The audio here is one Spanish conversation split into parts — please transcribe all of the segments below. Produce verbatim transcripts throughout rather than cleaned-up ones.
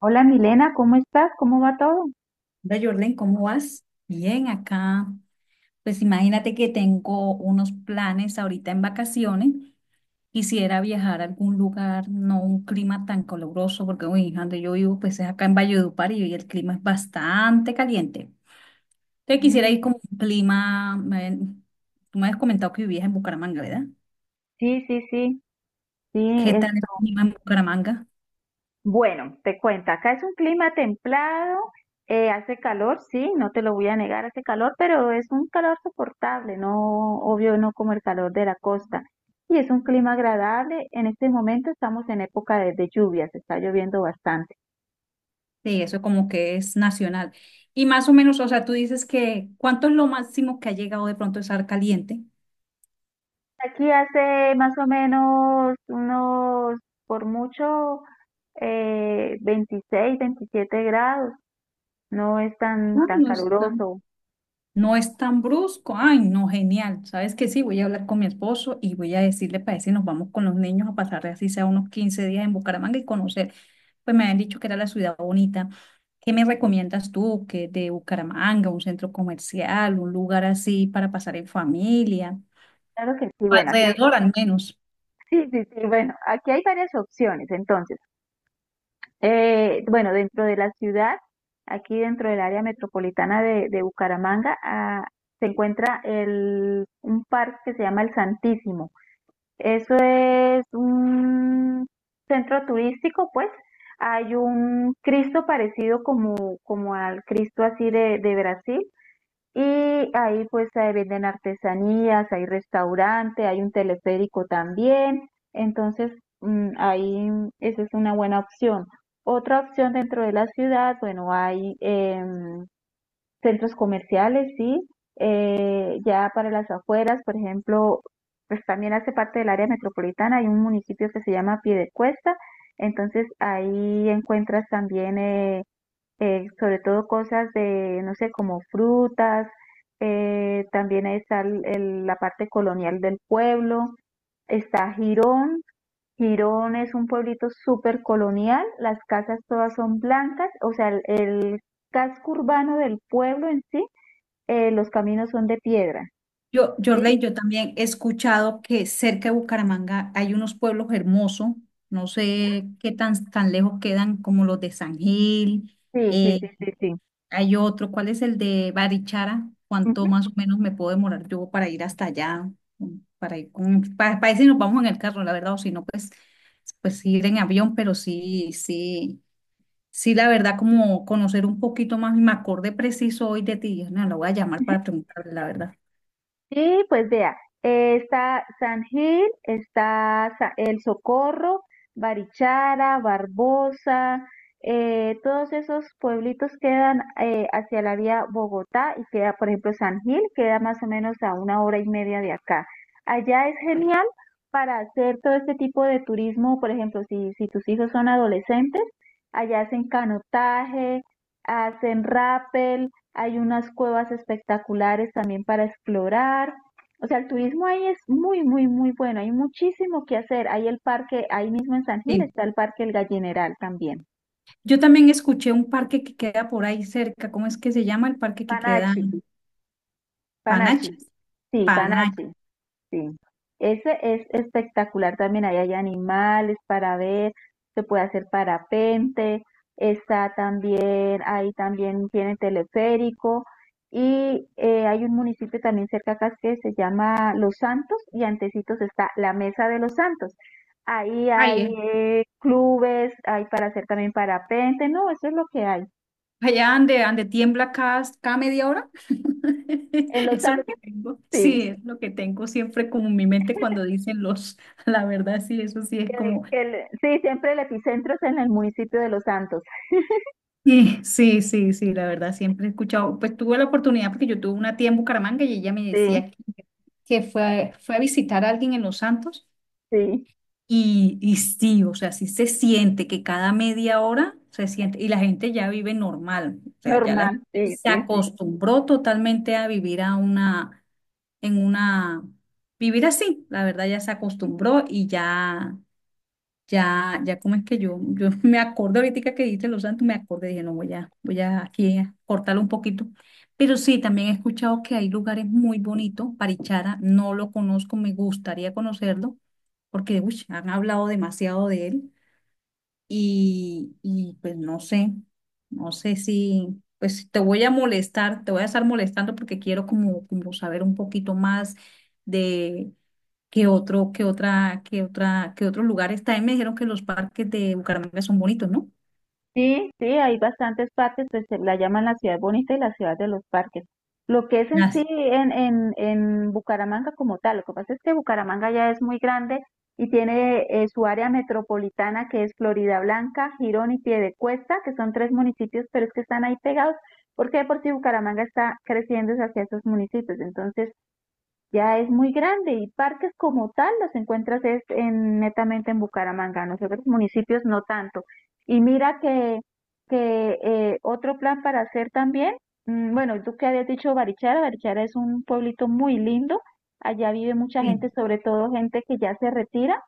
Hola Milena, ¿cómo estás? ¿Cómo va todo? Hola Jorlen, ¿cómo vas? Bien, acá. Pues imagínate que tengo unos planes ahorita en vacaciones. Quisiera viajar a algún lugar, no un clima tan caluroso, porque uy, donde yo vivo, pues es acá en Valledupar y y el clima es bastante caliente. Entonces quisiera Mm, ir con un clima. Me- tú me has comentado que vivías en Bucaramanga, ¿verdad? sí, sí, sí, sí, ¿Qué esto. tal el clima en Bucaramanga? Bueno, te cuento, acá es un clima templado, eh, hace calor, sí, no te lo voy a negar, hace calor, pero es un calor soportable, no, obvio, no como el calor de la costa. Y es un clima agradable, en este momento estamos en época de, de lluvias, está lloviendo bastante. Sí, eso como que es nacional. Y más o menos, o sea, tú dices que ¿cuánto es lo máximo que ha llegado de pronto a estar caliente? Aquí hace más o menos unos, por mucho, eh, veintiséis, veintisiete grados. No es tan, Ah, tan no está. caluroso. No es tan brusco. Ay, no, genial. ¿Sabes qué? Sí, voy a hablar con mi esposo y voy a decirle para si nos vamos con los niños a pasar así sea unos quince días en Bucaramanga y conocer. Pues me habían dicho que era la ciudad bonita. ¿Qué me recomiendas tú? ¿Que de Bucaramanga, un centro comercial, un lugar así para pasar en familia? Claro que sí, bueno, aquí, Alrededor al menos. sí, sí, sí, bueno, aquí hay varias opciones. Entonces, eh, bueno, dentro de la ciudad, aquí dentro del área metropolitana de, de Bucaramanga, ah, se encuentra el, un parque que se llama El Santísimo. Eso es un centro turístico, pues. Hay un Cristo parecido como, como al Cristo así de, de Brasil. Y ahí pues se venden artesanías, hay restaurante, hay un teleférico también. Entonces, mm, ahí esa es una buena opción. Otra opción dentro de la ciudad, bueno, hay... em, centros comerciales, sí. Eh, ya para las afueras, por ejemplo, pues también hace parte del área metropolitana, hay un municipio que se llama Piedecuesta, entonces ahí encuentras también eh, eh, sobre todo cosas de, no sé, como frutas, eh, también ahí está el- el- la parte colonial del pueblo, está Girón. Girón es un pueblito súper colonial, las casas todas son blancas, o sea, el el casco urbano del pueblo en sí, eh, los caminos son de piedra. Yo, ¿Sí? Jorley, yo también he escuchado que cerca de Bucaramanga hay unos pueblos hermosos, no sé qué tan, tan lejos quedan, como los de San Gil, Sí, sí, eh, sí, sí, sí. hay otro, ¿cuál es el de Barichara? ¿Cuánto Ujú. más o menos me puedo demorar yo para ir hasta allá? Para ir con, para, para ir, si nos vamos en el carro, la verdad, o si no, pues, pues sí, ir en avión, pero sí, sí, sí, la verdad, como conocer un poquito más, y me acordé preciso hoy de ti, dije, no, lo voy a llamar para preguntarle, la verdad. Sí, pues vea, eh, está San Gil, está Sa- El Socorro, Barichara, Barbosa, eh, todos esos pueblitos quedan eh, hacia la vía Bogotá y queda, por ejemplo, San Gil, queda más o menos a una hora y media de acá. Allá es genial para hacer todo este tipo de turismo, por ejemplo, si, si tus hijos son adolescentes, allá hacen canotaje, hacen rappel, hay unas cuevas espectaculares también para explorar. O sea, el turismo ahí es muy, muy, muy bueno. Hay muchísimo que hacer. Hay el parque, ahí mismo en San Gil Sí. está el parque El Gallineral también. Yo también escuché un parque que queda por ahí cerca, ¿cómo es que se llama el parque que queda? Panachi, Panachi, Panachi, sí, Panachi. Panachi. Sí, ese es espectacular también. Ahí hay animales para ver, se puede hacer parapente, está también, ahí también tiene teleférico y eh, hay un municipio también cerca acá que se llama Los Santos y antecitos está la Mesa de los Santos. Ahí Ay, hay es eh, clubes, hay para hacer también parapente, no, eso es lo que hay. Allá ande, ande tiembla cada, cada media hora. En Los Eso es lo Santos, que tengo. Sí, sí. es lo que tengo siempre como en mi mente cuando dicen los, la verdad, sí, eso sí es Que- como, que le- Sí, siempre el epicentro es en el municipio de Los Santos. sí, sí, sí, sí, la verdad, siempre he escuchado, pues tuve la oportunidad porque yo tuve una tía en Bucaramanga y ella me Sí, decía que, que fue, a- fue a visitar a alguien en Los Santos sí. y, y sí, o sea, sí se siente que cada media hora se siente, y la gente ya vive normal, o sea, ya la Normal, gente sí, se sí, sí. acostumbró totalmente a vivir a una en una vivir así. La verdad ya se acostumbró y ya, ya, ya como es que yo, yo me acordé ahorita que dijiste Los Santos, me acordé, dije, no, voy a, voy a aquí a cortarlo un poquito. Pero sí, también he escuchado que hay lugares muy bonitos, Parichara, no lo conozco, me gustaría conocerlo, porque uy, han hablado demasiado de él y, y pues no sé, no sé si, pues te voy a molestar, te voy a estar molestando porque quiero como, como saber un poquito más de qué otro, qué otra, qué otra, qué otros lugares. También me dijeron que los parques de Bucaramanga son bonitos, ¿no? Sí, sí, hay bastantes parques, pues se la llaman la ciudad bonita y la ciudad de los parques. Lo que es en sí Las, en, en, en Bucaramanga como tal, lo que pasa es que Bucaramanga ya es muy grande y tiene eh, su área metropolitana que es Florida Blanca, Girón y Piedecuesta, que son tres municipios, pero es que están ahí pegados, porque de por si Bucaramanga está creciendo hacia esos municipios. Entonces, ya es muy grande y parques como tal los encuentras es en, netamente en Bucaramanga, en los otros municipios no tanto. Y mira que, que eh, otro plan para hacer también, mm, bueno, tú que habías dicho Barichara, Barichara es un pueblito muy lindo, allá vive mucha gente, sí, sobre todo gente que ya se retira.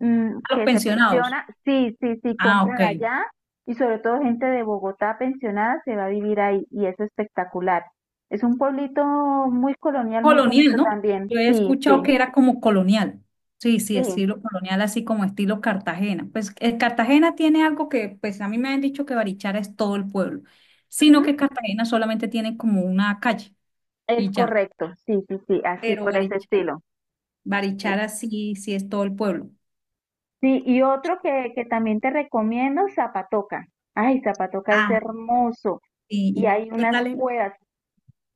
Mm, a los que se pensionados. pensiona, sí, sí, sí, Ah, ok. compran allá y sobre todo gente de Bogotá pensionada se va a vivir ahí y es espectacular. Es un pueblito muy colonial, muy Colonial, bonito ¿no? también. Yo he Sí, escuchado sí, que era como colonial. Sí, sí, sí. estilo colonial, así como estilo Cartagena. Pues eh, Cartagena tiene algo que, pues a mí me han dicho que Barichara es todo el pueblo, sino Ujú, que Cartagena solamente tiene como una calle y es ya. correcto, sí, sí, sí, así, Pero por ese Barichara, estilo. Y- Barichara sí, sí es todo el pueblo. Sí, y otro que, que también te recomiendo, Zapatoca. Ay, Zapatoca es Ah, hermoso sí, y ¿y hay qué unas tal? en- cuevas.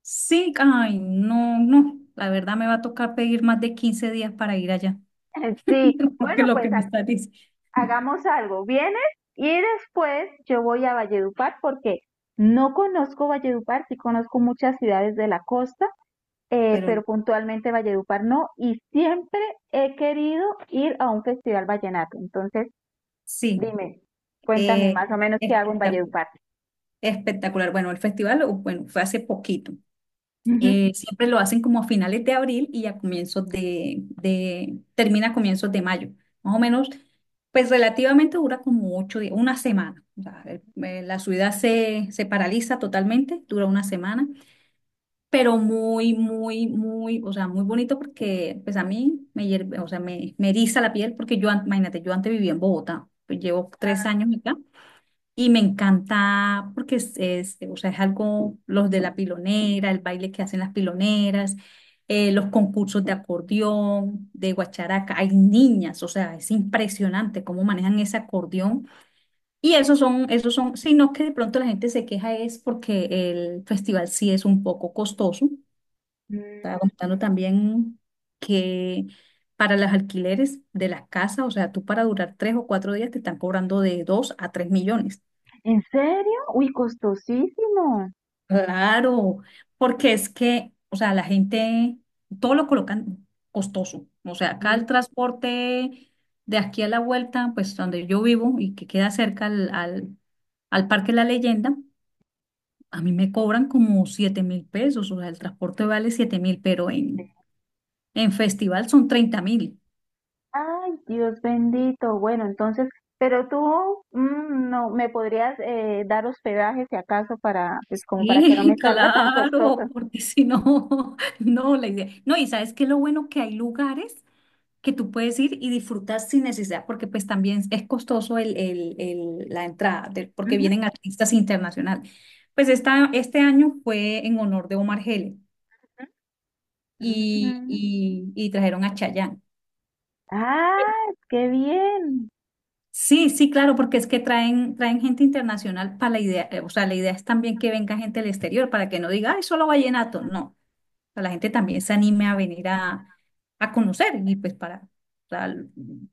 Sí, ay, no, no, la verdad me va a tocar pedir más de quince días para ir allá, Sí, bueno, porque lo pues que me está diciendo. hagamos algo, vienes y después yo voy a Valledupar porque no conozco Valledupar, sí conozco muchas ciudades de la costa, eh, Pero no, pero puntualmente Valledupar no, y siempre he querido ir a un festival vallenato. Entonces, sí. dime, cuéntame Eh, más o menos qué hago en Espectacular, Valledupar. espectacular. Bueno, el festival, o- bueno, fue hace poquito. Ujú. Eh, siempre lo hacen como a finales de abril y a comienzos de, de, termina a comienzos de mayo. Más o menos, pues relativamente dura como ocho días, una semana. O sea, el- eh, la ciudad se, se paraliza totalmente, dura una semana, pero muy, muy, muy, o sea, muy bonito, porque pues a mí me, hierve- o sea, me, me eriza la piel, porque yo, an- imagínate, yo antes vivía en Bogotá, pues llevo tres años acá y me encanta porque es, es, o sea, es algo, los de la pilonera, el baile que hacen las piloneras, eh, los concursos de acordeón, de guacharaca. Hay niñas, o sea, es impresionante cómo manejan ese acordeón. Y esos son, esos son, sino que de pronto la gente se queja es porque el festival sí es un poco costoso. Mm. Estaba contando también que para los alquileres de las casas, o sea, tú para durar tres o cuatro días te están cobrando de dos a tres millones. ¿En serio? Uy, costosísimo. Claro, porque es que, o sea, la gente, todo lo colocan costoso. O sea, acá el transporte de aquí a la vuelta, pues donde yo vivo y que queda cerca al, al, al Parque La Leyenda, a mí me cobran como siete mil pesos. O sea, el transporte vale siete mil, pero en, en festival son treinta mil. Ay, Dios bendito. Bueno, entonces, pero tú, mm, no me podrías, eh, dar hospedaje si acaso para, pues como para que no Sí, me salga tan claro, costoso. porque si no, no, la idea. No, y sabes qué lo bueno, que hay lugares que tú puedes ir y disfrutar sin necesidad, porque pues también es costoso el, el- el- la entrada, de- porque Ujú, vienen artistas internacionales. Pues esta, este año fue en honor de Omar Geles ujú. y, Mm. y, y trajeron a Chayanne. Ah, qué bien. Sí, sí, claro, porque es que traen, traen gente internacional para la idea, eh, o sea, la idea es también que venga gente del exterior, para que no diga, ay, solo vallenato, no. Sea, la gente también se anime a venir a, a conocer, y pues para, para-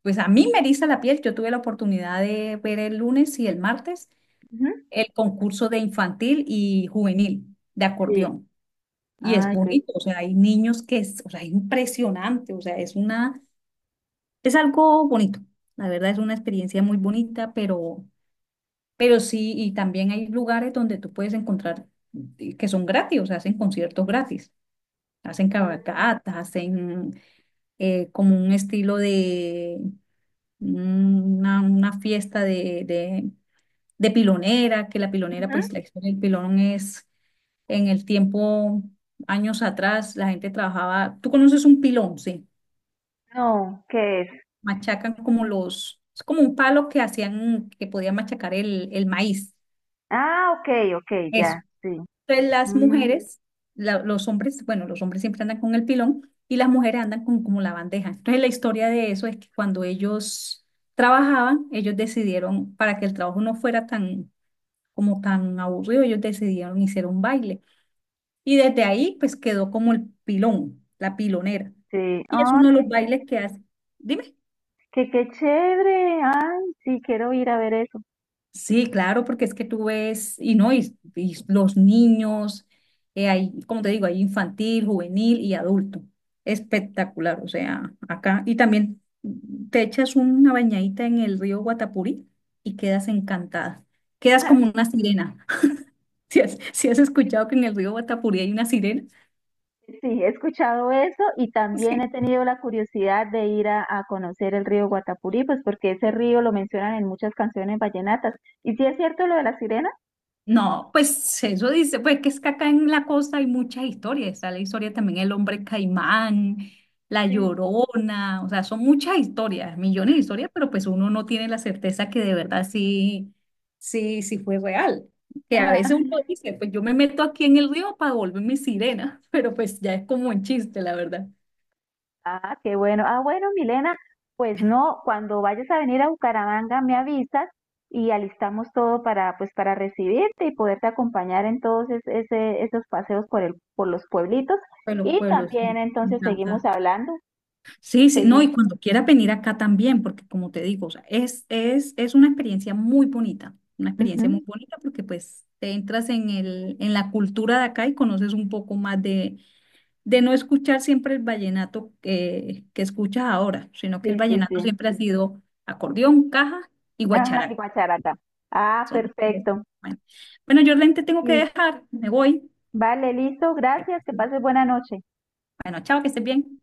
pues a mí me eriza la piel, yo tuve la oportunidad de ver el lunes y el martes Ujú. el concurso de infantil y juvenil de Sí. acordeón, y es Ay, qué. bonito, o sea, hay niños que es, o sea, es impresionante, o sea, es una, es algo bonito, la verdad, es una experiencia muy bonita, pero, pero sí, y también hay lugares donde tú puedes encontrar eh, que son gratis, o sea, hacen conciertos gratis. Hacen Mm, cabalgatas, hacen eh, como un estilo de una, una fiesta de, de, de pilonera, que la pilonera, pues ujú. la historia del pilón es en el tiempo, años atrás, la gente trabajaba. Tú conoces un pilón, sí, No, ¿qué es? machacan como los, es como un palo que hacían, que podían machacar el, el maíz. Ah, ok, ok, Eso. ya, sí. Entonces, las Mm, mujeres, la- los hombres, bueno, los hombres siempre andan con el pilón y las mujeres andan con como la bandeja. Entonces, la historia de eso es que cuando ellos trabajaban, ellos decidieron, para que el trabajo no fuera tan, como tan aburrido, ellos decidieron hacer un baile. Y desde ahí, pues quedó como el pilón, la pilonera. sí. Y es Ay, uno de qué los bailes chévere. que hace. Dime. Qué, qué chévere. Ay, sí, quiero ir a ver eso. Sí, claro, porque es que tú ves, y no, y, y los niños, eh, hay, como te digo, hay infantil, juvenil y adulto. Espectacular, o sea, acá. Y también te echas una bañadita en el río Guatapurí y quedas encantada. Quedas como una sirena. Si has, si has escuchado que en el río Guatapurí hay una sirena, Sí, he escuchado eso y también he tenido la curiosidad de ir a, a conocer el río Guatapurí, pues porque ese río lo mencionan en muchas canciones vallenatas. ¿Y si es cierto lo de la sirena? no, pues eso dice, pues que es que acá en la costa hay muchas historias, está la historia también el hombre caimán, la Sí. Llorona, o sea, son muchas historias, millones de historias, pero pues uno no tiene la certeza que de verdad sí, sí, sí fue real. Que a veces uno Ah, dice, pues yo me meto aquí en el río para volverme sirena, pero pues ya es como un chiste, la verdad. ah, qué bueno. Ah, bueno, Milena, pues no, cuando vayas a venir a Bucaramanga me avisas y alistamos todo para, pues, para recibirte y poderte acompañar en todos es- ese- esos paseos por el, por los pueblitos. Pero los Y pueblos, me también entonces seguimos encanta. hablando. Sí, sí, no, y Sí, cuando quieras venir acá también, porque como te digo, o sea, es, es, es una experiencia muy bonita, una experiencia muy ujú, bonita, porque pues te entras en el, en la cultura de acá y conoces un poco más de, de no escuchar siempre el vallenato que, que escuchas ahora, sino que el sí, sí, vallenato sí. siempre ha sido acordeón, caja y Ajá, y guacharaca. guacharaca. Ah, Son, bueno, perfecto. bueno, yo te tengo que Listo. dejar, me voy. Vale, listo. Gracias. Que pases buena noche. Bueno, chao, que estés bien.